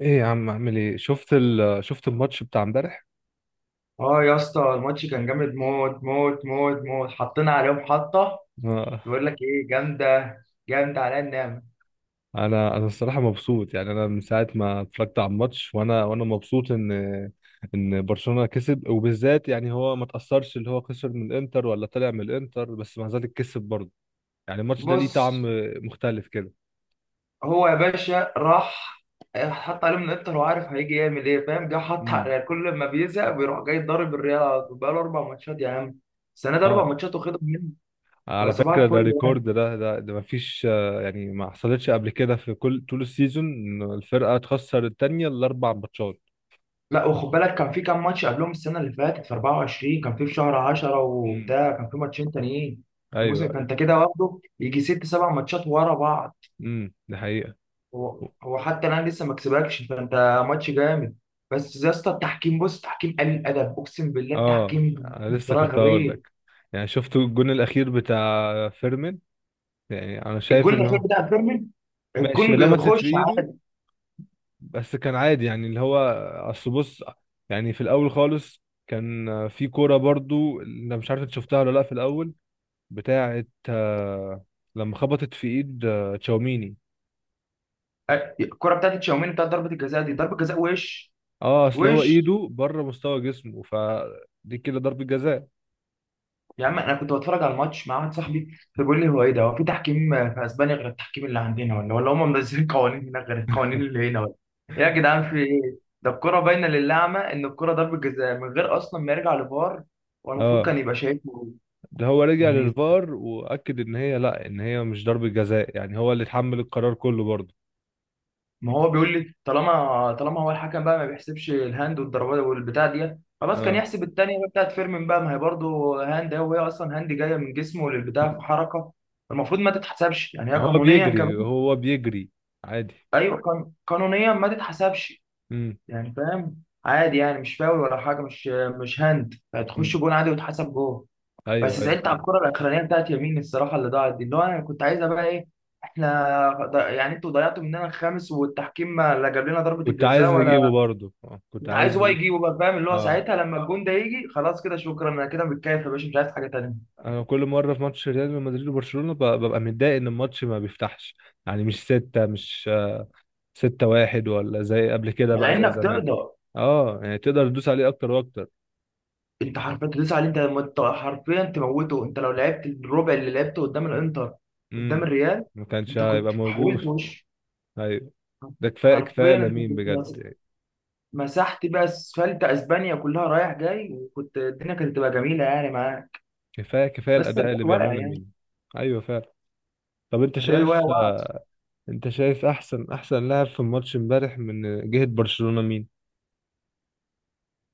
ايه يا عم، اعمل ايه؟ شفت الماتش بتاع امبارح؟ اه يا اسطى، الماتش كان جامد موت موت موت موت، حطينا عليهم حطه. ما- بقول لك ايه، جامده جامده على النعمه. انا الصراحه مبسوط، يعني انا من ساعه ما اتفرجت على الماتش وانا مبسوط ان برشلونه كسب، وبالذات يعني هو ما تاثرش، اللي هو خسر من الانتر ولا طلع من الانتر، بس مع ذلك كسب برضه. يعني الماتش ده ليه بص، طعم مختلف كده. هو يا باشا راح حط عليهم من الانتر، وعارف هيجي يعمل ايه فاهم؟ جه حط على امم، الريال، كل ما بيزهق بيروح جاي ضارب الريال على طول، بقاله اربع ماتشات يا عم. السنه دي اربع اه، ماتشات واخدهم منه، على فصباح فكره ده الفل ريكورد، يعني. ده ما فيش، يعني ما حصلتش قبل كده في كل طول السيزون ان الفرقه تخسر التانيه الاربع ماتشات. لا وخد بالك، كان في كام ماتش قبلهم السنه اللي فاتت في 24، كان في شهر 10 امم، وبتاع، كان في ماتشين تانيين في ايوه الموسم، ايوه. فانت كده واخده يجي ست سبع ماتشات ورا بعض. ده حقيقه. هو حتى انا لسه ما كسبكش فانت، ماتش جامد. بس يا اسطى التحكيم، بص تحكيم قليل الادب، اقسم بالله اه، التحكيم انا لسه بطريقه كنت هقول غبيه. لك. يعني شفتوا الجون الاخير بتاع فيرمين؟ يعني انا شايف الجول ان الاخير هو بتاع فيرمين، ماشي، الجول لمست في خش ايده، عادي. بس كان عادي، يعني اللي هو اصل بص، يعني في الاول خالص كان في كوره برضو، انا مش عارف انت شفتها ولا لا، في الاول بتاعه، لما خبطت في ايد تشاوميني. الكره بتاعت تشاوميني بتاعت ضربه الجزاء، دي ضربه جزاء وش. اه، اصل هو وش ايده بره مستوى جسمه، فدي كده ضربة جزاء. يا عم، انا كنت بتفرج على الماتش مع واحد صاحبي، فبيقول لي هو ايه ده، هو في تحكيم في اسبانيا غير التحكيم اللي عندنا، ولا هم منزلين قوانين هناك غير القوانين اللي هنا ولا؟ إيه يا جدعان في ايه ده، الكرة باينة للأعمى إن الكرة ضربة جزاء من غير أصلا ما يرجع لفار، والمفروض اه، كان يبقى شايفه. ده هو رجع يعني للفار واكد ان هي لا، ان هي مش ضربة جزاء، يعني هو اللي اتحمل القرار كله برضه. ما هو بيقول لي، طالما هو الحكم بقى ما بيحسبش الهاند والضربات والبتاع دي، خلاص كان اه. يحسب التانية بقى بتاعت فيرمين بقى، ما هي برضه هاند أهي، وهي أصلا هاند جاية من جسمه للبتاع في مم. حركة، المفروض ما تتحسبش يعني، هي يعني هو قانونيا بيجري، كمان. هو بيجري عادي. ايوه، قانونيا ما تتحسبش. امم، يعني فاهم، عادي يعني، مش فاول ولا حاجه، مش هاند، هتخش امم، جون عادي وتحسب جون. ايوه بس ايوه زعلت على فعلا. الكره الاخرانيه بتاعت يمين الصراحه، اللي ضاعت دي اللي هو انا كنت عايزها بقى ايه. احنا يعني انتوا ضيعتوا مننا الخامس، والتحكيم ما لا جاب لنا ضربه كنت عايز الجزاء نجيبه ولا. برضه، آه. كنت كنت عايز عايز هو نجيبه. يجيبه بقى، فاهم اللي هو اه، ساعتها لما الجون ده يجي، خلاص كده شكرا، انا كده متكيف يا باشا، مش عايز حاجه تانيه. انا كل مره في ماتش ريال مدريد وبرشلونه ببقى متضايق ان الماتش ما بيفتحش. يعني مش ستة، مش 6-1، ولا زي قبل كده مع بقى، زي انك زمان. تقدر، اه، يعني تقدر تدوس عليه اكتر واكتر. انت حرفيا تدوس عليه، انت لما حرفيا تموته، انت لو لعبت الربع اللي لعبته قدام الانتر قدام امم الريال، ما كانش انت هيبقى كنت موجود حولت وش. ايوه. ده كفايه كفايه حرفيا انت لامين كنت بجد يعني. مسحت بقى اسفلت اسبانيا كلها رايح جاي، وكنت الدنيا كانت تبقى جميله يعني معاه. كفايه كفايه بس الاداء الريال اللي بيعمله واقع يعني، لامين. ايوه فعلا. طب، انت الريال شايف واقع واقع. انت شايف احسن احسن لاعب في الماتش امبارح من جهه برشلونه مين؟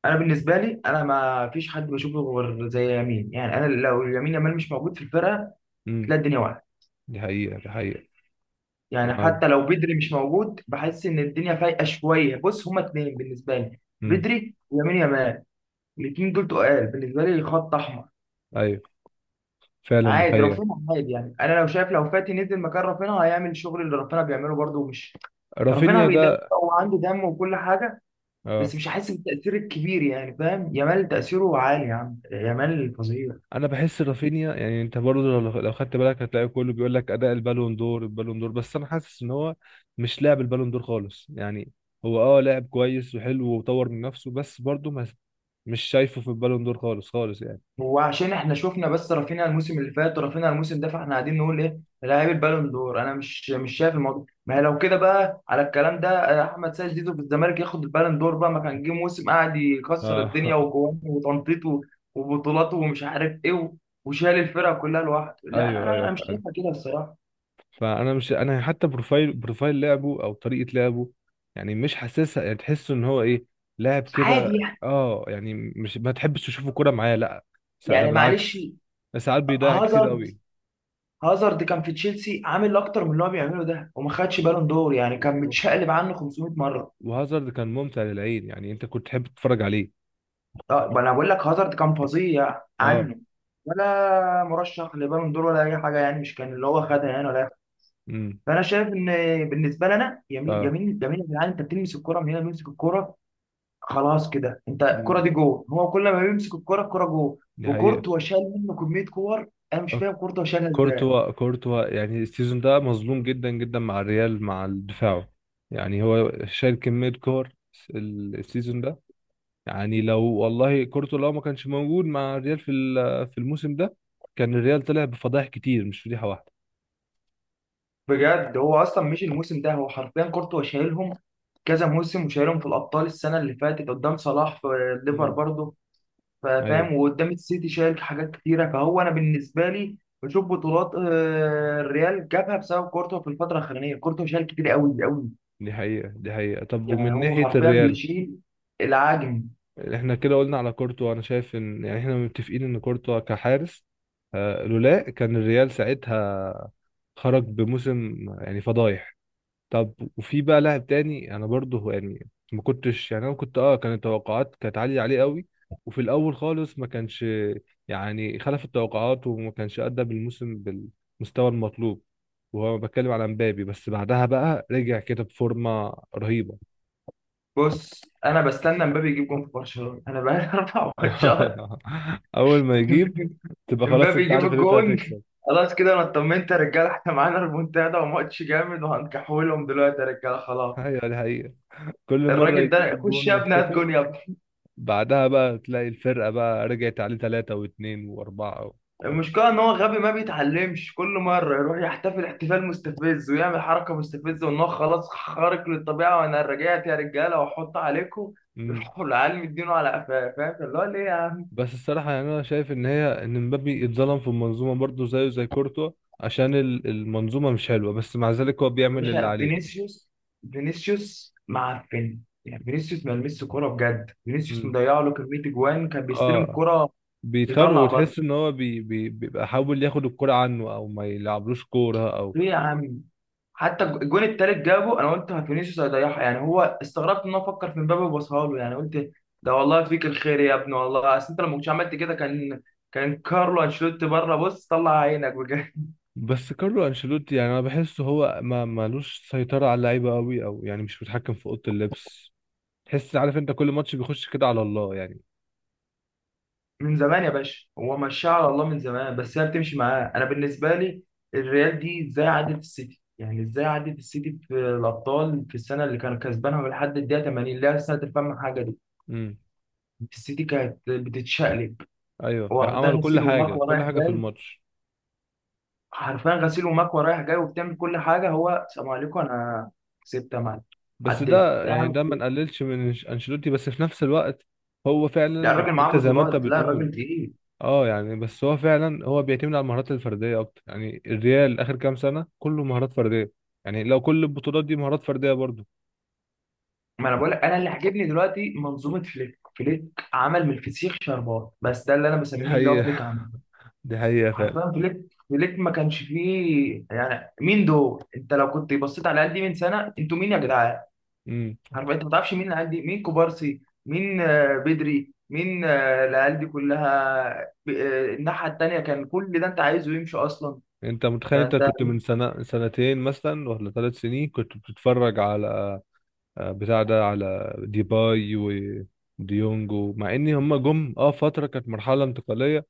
انا بالنسبه لي، انا ما فيش حد بشوفه غير زي يمين يعني، انا لو يمين يامال مش موجود في الفرقه امم، تلاقي الدنيا واقعه. دي حقيقه دي حقيقه. يعني حتى لو بدري مش موجود بحس ان الدنيا فايقه شويه، بص هما اتنين بالنسبه لي، امم، بدري ويمين يامال، الاثنين دول تقال بالنسبه لي خط احمر. ايوه فعلا، دي عادي حقيقه. رافينها، عادي يعني، انا لو شايف لو فاتي نزل مكان رافينها هيعمل الشغل اللي رافينها بيعمله برده، مش رافينها رافينيا بيدافع، ده، هو عنده دم وكل حاجه، اه، بس مش هحس بالتاثير الكبير يعني فاهم. يامال تاثيره عالي يا عم، يامال فظيع. انا بحس رافينيا، يعني انت برضه لو خدت بالك هتلاقي كله بيقول لك اداء البالون دور البالون دور، بس انا حاسس ان هو مش لاعب البالون دور خالص، يعني هو لاعب كويس وحلو وطور من نفسه، بس برضه ما، مش شايفه في البالون دور خالص خالص يعني. هو عشان احنا شفنا بس رافينيا الموسم اللي فات ورافينيا الموسم ده، فاحنا قاعدين نقول ايه لاعب البالون دور، انا مش شايف الموضوع. ما هي لو كده بقى على الكلام ده احمد سيد زيزو في الزمالك ياخد البالون دور بقى، ما كان جه موسم قاعد ف... يكسر الدنيا وجوان وتنطيط وبطولات ومش عارف ايه وشال الفرقه كلها لوحده. لا ايوه انا ايوه انا مش فعلا. شايفها كده الصراحه، فانا مش، انا حتى بروفايل بروفايل لعبه او طريقه لعبه، يعني مش حاسسها، يعني تحسه ان هو ايه، لاعب كده. عادي يعني. اه، يعني مش، ما تحبش تشوفه كوره معاه، لا. ده يعني معلش. بالعكس. ساعات بيضيع كتير هازارد، هازارد كان في تشيلسي عامل اكتر من اللي هو بيعمله ده وما خدش بالون دور، يعني كان قوي. متشقلب عنه 500 مره. وهازارد كان ممتع للعين، يعني انت كنت تحب تتفرج عليه. طب انا بقول لك هازارد كان فظيع اه. عنه، ولا مرشح لبالون دور ولا اي حاجه، يعني مش كان اللي هو خدها يعني ولا. امم فانا شايف ان بالنسبه لنا ف يمين يمين يمين، يا جدعان انت بتلمس الكره من هنا بيمسك الكره، خلاص كده انت الكره امم دي جول، هو كل ما بيمسك الكره الكره جول. دي حقيقة. وكورتوا شال منه كميه كور، انا مش آه، فاهم كورتوا شالها ازاي. كورتوا كورتوا، يعني السيزون ده مظلوم جدا جدا مع الريال، مع دفاعه. يعني هو شال كمية كور السيزون ده. يعني لو والله كورتوا لو ما كانش موجود مع الريال في الموسم ده، كان الريال طلع بفضائح كتير، مش فضيحة واحدة. بجد، هو اصلا مش الموسم ده، هو حرفيا كورتوا شايلهم كذا موسم، وشايلهم في الابطال السنه اللي فاتت قدام صلاح في ليفر امم، برضه، ايوه، فاهم، وقدام السيتي شايل حاجات كتيره. فهو انا بالنسبه لي بشوف بطولات الريال جابها بسبب كورتو، في الفتره الاخرانيه كورتو شايل كتير قوي قوي، دي حقيقة دي حقيقة. طب، يعني ومن هو ناحية حرفيا الريال، بيشيل العجم. احنا كده قلنا على كورتوا. انا شايف ان يعني احنا متفقين ان كورتوا كحارس، لولا كان الريال ساعتها خرج بموسم يعني فضايح. طب، وفي بقى لاعب تاني، انا برضه يعني ما كنتش، يعني انا كنت، كانت التوقعات كانت عالية عليه قوي، وفي الاول خالص ما كانش، يعني خلف التوقعات وما كانش ادى بالموسم بالمستوى المطلوب، وهو بتكلم على مبابي. بس بعدها بقى رجع كده بفورمة رهيبة. بص انا بستنى امبابي يجيب جون في برشلونه، انا بقالي 24 شهر. اول ما يجيب تبقى خلاص، امبابي انت يجيب عارف ان انت الجون، هتكسب. خلاص كده انا اطمنت يا رجاله، احنا معانا ريمونتادا وماتش جامد وهنكحولهم دلوقتي يا رجاله خلاص. ايوه، دي حقيقة. كل مرة الراجل يجيب ده خش الجون يا ابني، هات ويحتفل، جون يا ابني. بعدها بقى تلاقي الفرقة بقى رجعت عليه ثلاثة واثنين وأربعة المشكلة إن هو غبي ما بيتعلمش، كل مرة يروح يحتفل احتفال مستفز ويعمل حركة مستفزة، وإن هو خلاص خارق للطبيعة وأنا رجعت يا رجالة وأحط عليكم مم. يروحوا العيال مدينه على قفاه، فاهم اللي هو ليه يا عم. بس الصراحة يعني أنا شايف إن مبابي اتظلم في المنظومة برضه، زيه زي كورتوا، عشان المنظومة مش حلوة، بس مع ذلك هو يا بيعمل اللي باشا عليه. فينيسيوس، فينيسيوس معفن، يعني فينيسيوس ما لمسش كورة بجد، فينيسيوس مم. مضيع له كمية أجوان، كان بيستلم اه، الكورة بيتخانقوا يطلع بره، وتحس إن هو بيبقى حاول ياخد الكرة عنه أو ما يلعبلوش كورة أو. ليه يا عم؟ حتى الجون التالت جابه، انا قلت فينيسيوس هيضيعها، يعني هو استغربت ان هو فكر في مبابي وباصها له يعني، قلت ده والله فيك الخير يا ابني، والله اصل انت لو ما كنتش عملت كده كان كان كارلو انشيلوتي بره، بص طلع عينك بجد بس كارلو انشيلوتي، يعني انا بحسه هو ما مالوش سيطرة على اللعيبة قوي، او يعني مش متحكم في اوضة اللبس. تحس عارف انت كل ماتش بيخش كده على الله يعني. من زمان يا باشا، هو مشاه على الله من زمان، بس هي بتمشي معاه. انا بالنسبه لي الريال دي ازاي عدت السيتي، يعني ازاي عدت السيتي في الابطال في السنه اللي كانت كسبانها لحد الدقيقه 80، اللي هي سنه الفم حاجه دي. امم، السيتي كانت بتتشقلب، ايوه، واخدها فعملوا كل غسيل حاجة ومكوى كل رايح حاجة في جاي، الماتش. حرفيا غسيل ومكوى رايح جاي، وبتعمل كل حاجه، هو سلام عليكم انا كسبت انا، بس عديت ده يا يعني عم. ده ما نقللش من انشيلوتي، بس في نفس الوقت هو لا فعلا الراجل معاه انت زي ما انت بطولات، لا بتقول. الراجل تقيل. اه، يعني بس هو فعلا هو بيعتمد على المهارات الفردية اكتر. يعني الريال اخر كام سنة كله مهارات فردية، يعني لو كل البطولات دي مهارات فردية برضه. ما انا بقول لك انا اللي عاجبني دلوقتي منظومه فليك. فليك عمل من الفسيخ شربات، بس ده اللي انا دي بسميه اللي هو حقيقة. فليك عمل، دي حقيقة حرفيا فليك. فليك ما كانش فيه يعني، مين دول، انت لو كنت بصيت على قد من سنه انتوا مين يا جدعان، فعلا. عارف انت ما تعرفش مين العيال دي، مين كوبارسي، مين بدري، مين العيال دي كلها الناحيه التانيه كان كل ده انت عايزه يمشي اصلا. انت متخيل انت فانت، كنت من سنة سنتين مثلا ولا 3 سنين كنت بتتفرج على بتاع ده، على ديباي وديونج، مع ان هم جم فترة كانت مرحلة انتقالية،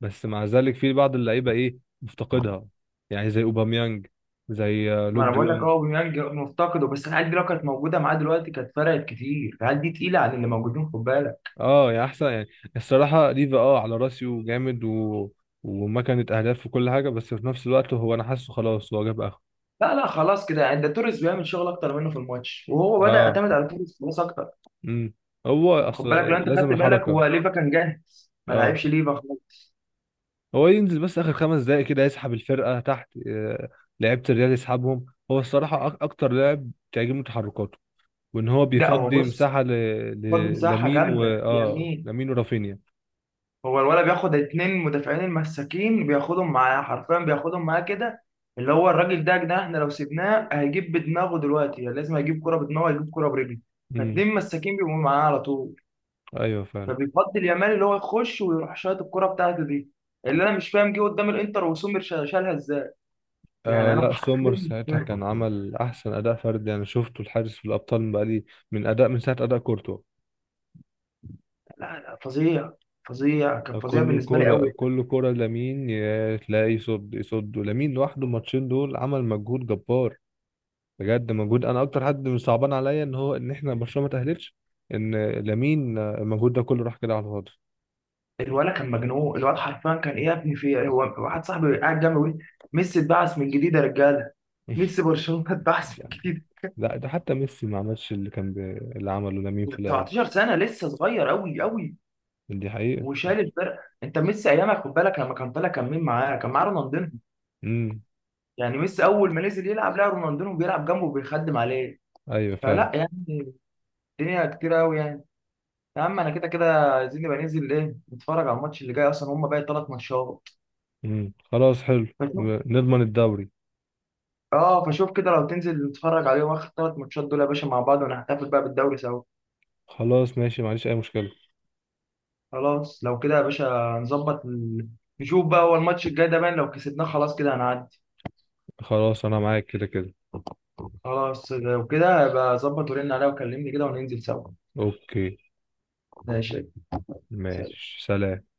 بس مع ذلك في بعض اللعيبة ايه مفتقدها، يعني زي اوباميانج، زي ما لوك انا بقول لك ديونج. اهو بيميانج مفتقده، بس العيال دي لو كانت موجوده معاه دلوقتي كانت فرقت كتير، العيال دي تقيله عن اللي موجودين، خد بالك. اه، يعني احسن يعني. الصراحة ليفا على راسي وجامد وما كانت اهداف وكل حاجة، بس في نفس الوقت هو انا حاسه خلاص هو جاب اخره. لا لا خلاص كده يعني، ده توريس بيعمل شغل اكتر منه في الماتش، وهو بدا اه. يعتمد على توريس خلاص اكتر. امم هو يعني خد اصل، بالك، لو انت لازم خدت بالك الحركة. هو ليفا كان جاهز، ما اه، لعبش ليفا خالص. هو ينزل بس اخر 5 دقايق كده يسحب الفرقه تحت، لعيبه الريال يسحبهم، هو الصراحه اكتر لاعب تعجبني تحركاته، وان هو لا هو بيفضي بص مساحه ل... برضه ل... مساحه لامين و جامده اه اليمين، لامين ورافينيا. هو الولد بياخد اتنين مدافعين المساكين، بياخدهم معاه حرفيا بياخدهم معاه كده، اللي هو الراجل ده يا جدعان احنا لو سيبناه هيجيب بدماغه دلوقتي، يعني لازم هيجيب كرة بدماغه هيجيب كرة برجله، امم، فاتنين مساكين بيبقوا معاه على طول، ايوه فعلا. فبيفضل يامال اللي هو يخش ويروح شايط الكرة بتاعته دي. اللي انا مش فاهم، جه قدام الانتر وسومر شالها ازاي، يعني آه انا لا، مش سومر فاهم. ساعتها كان عمل احسن اداء فردي انا شفته الحارس في الابطال، من بقالي من ساعه اداء كورتوا. لا لا فظيع، فظيع كان فظيع كل بالنسبة لي قوي. كرة كل كرة لامين يا تلاقي يصد يصد، ولامين لوحده الماتشين دول عمل مجهود جبار، بجد مجهود. انا اكتر حد صعبان عليا ان احنا برشلونه ما تاهلتش، ان لامين المجهود ده كله راح كده على الفاضي. الولد كان مجنون، الولد حرفيا كان ايه يا ابني في إيه؟ هو واحد صاحبي قاعد جنبي بيقول لي، ميسي اتبعث من جديد يا رجاله، ميسي برشلونه اتبعث من جديد. لا، ده حتى ميسي ما عملش اللي كان اللي عمله لامين في الاول. 17 سنه، لسه صغير قوي قوي، دي حقيقه. وشال الفرقه. انت ميسي ايامك خد بالك، لما كان طالع كان مين معاه؟ كان معاه رونالدينو، امم، يعني ميسي اول ما نزل يلعب لقى رونالدينو بيلعب جنبه وبيخدم عليه، ايوه فعلا. فلا يعني الدنيا كتير قوي يعني. يا عم انا كده كده عايزين نبقى ننزل ايه، نتفرج على الماتش اللي جاي، اصلا هم باقي ثلاث ماتشات. امم، خلاص حلو. فشوف، نضمن الدوري. اه فشوف كده لو تنزل نتفرج عليهم اخر ثلاث ماتشات دول يا باشا مع بعض، ونحتفل بقى بالدوري سوا. خلاص ماشي، معلش، اي مشكله. خلاص لو كده يا باشا، نظبط نشوف بقى هو الماتش الجاي ده باين، لو كسبناه خلاص كده هنعدي. خلاص انا معاك كده كده. خلاص لو كده هبقى ظبط ورن عليا وكلمني كده وننزل سوا. اوكي. ماشي، سلام. ماشي. سلام.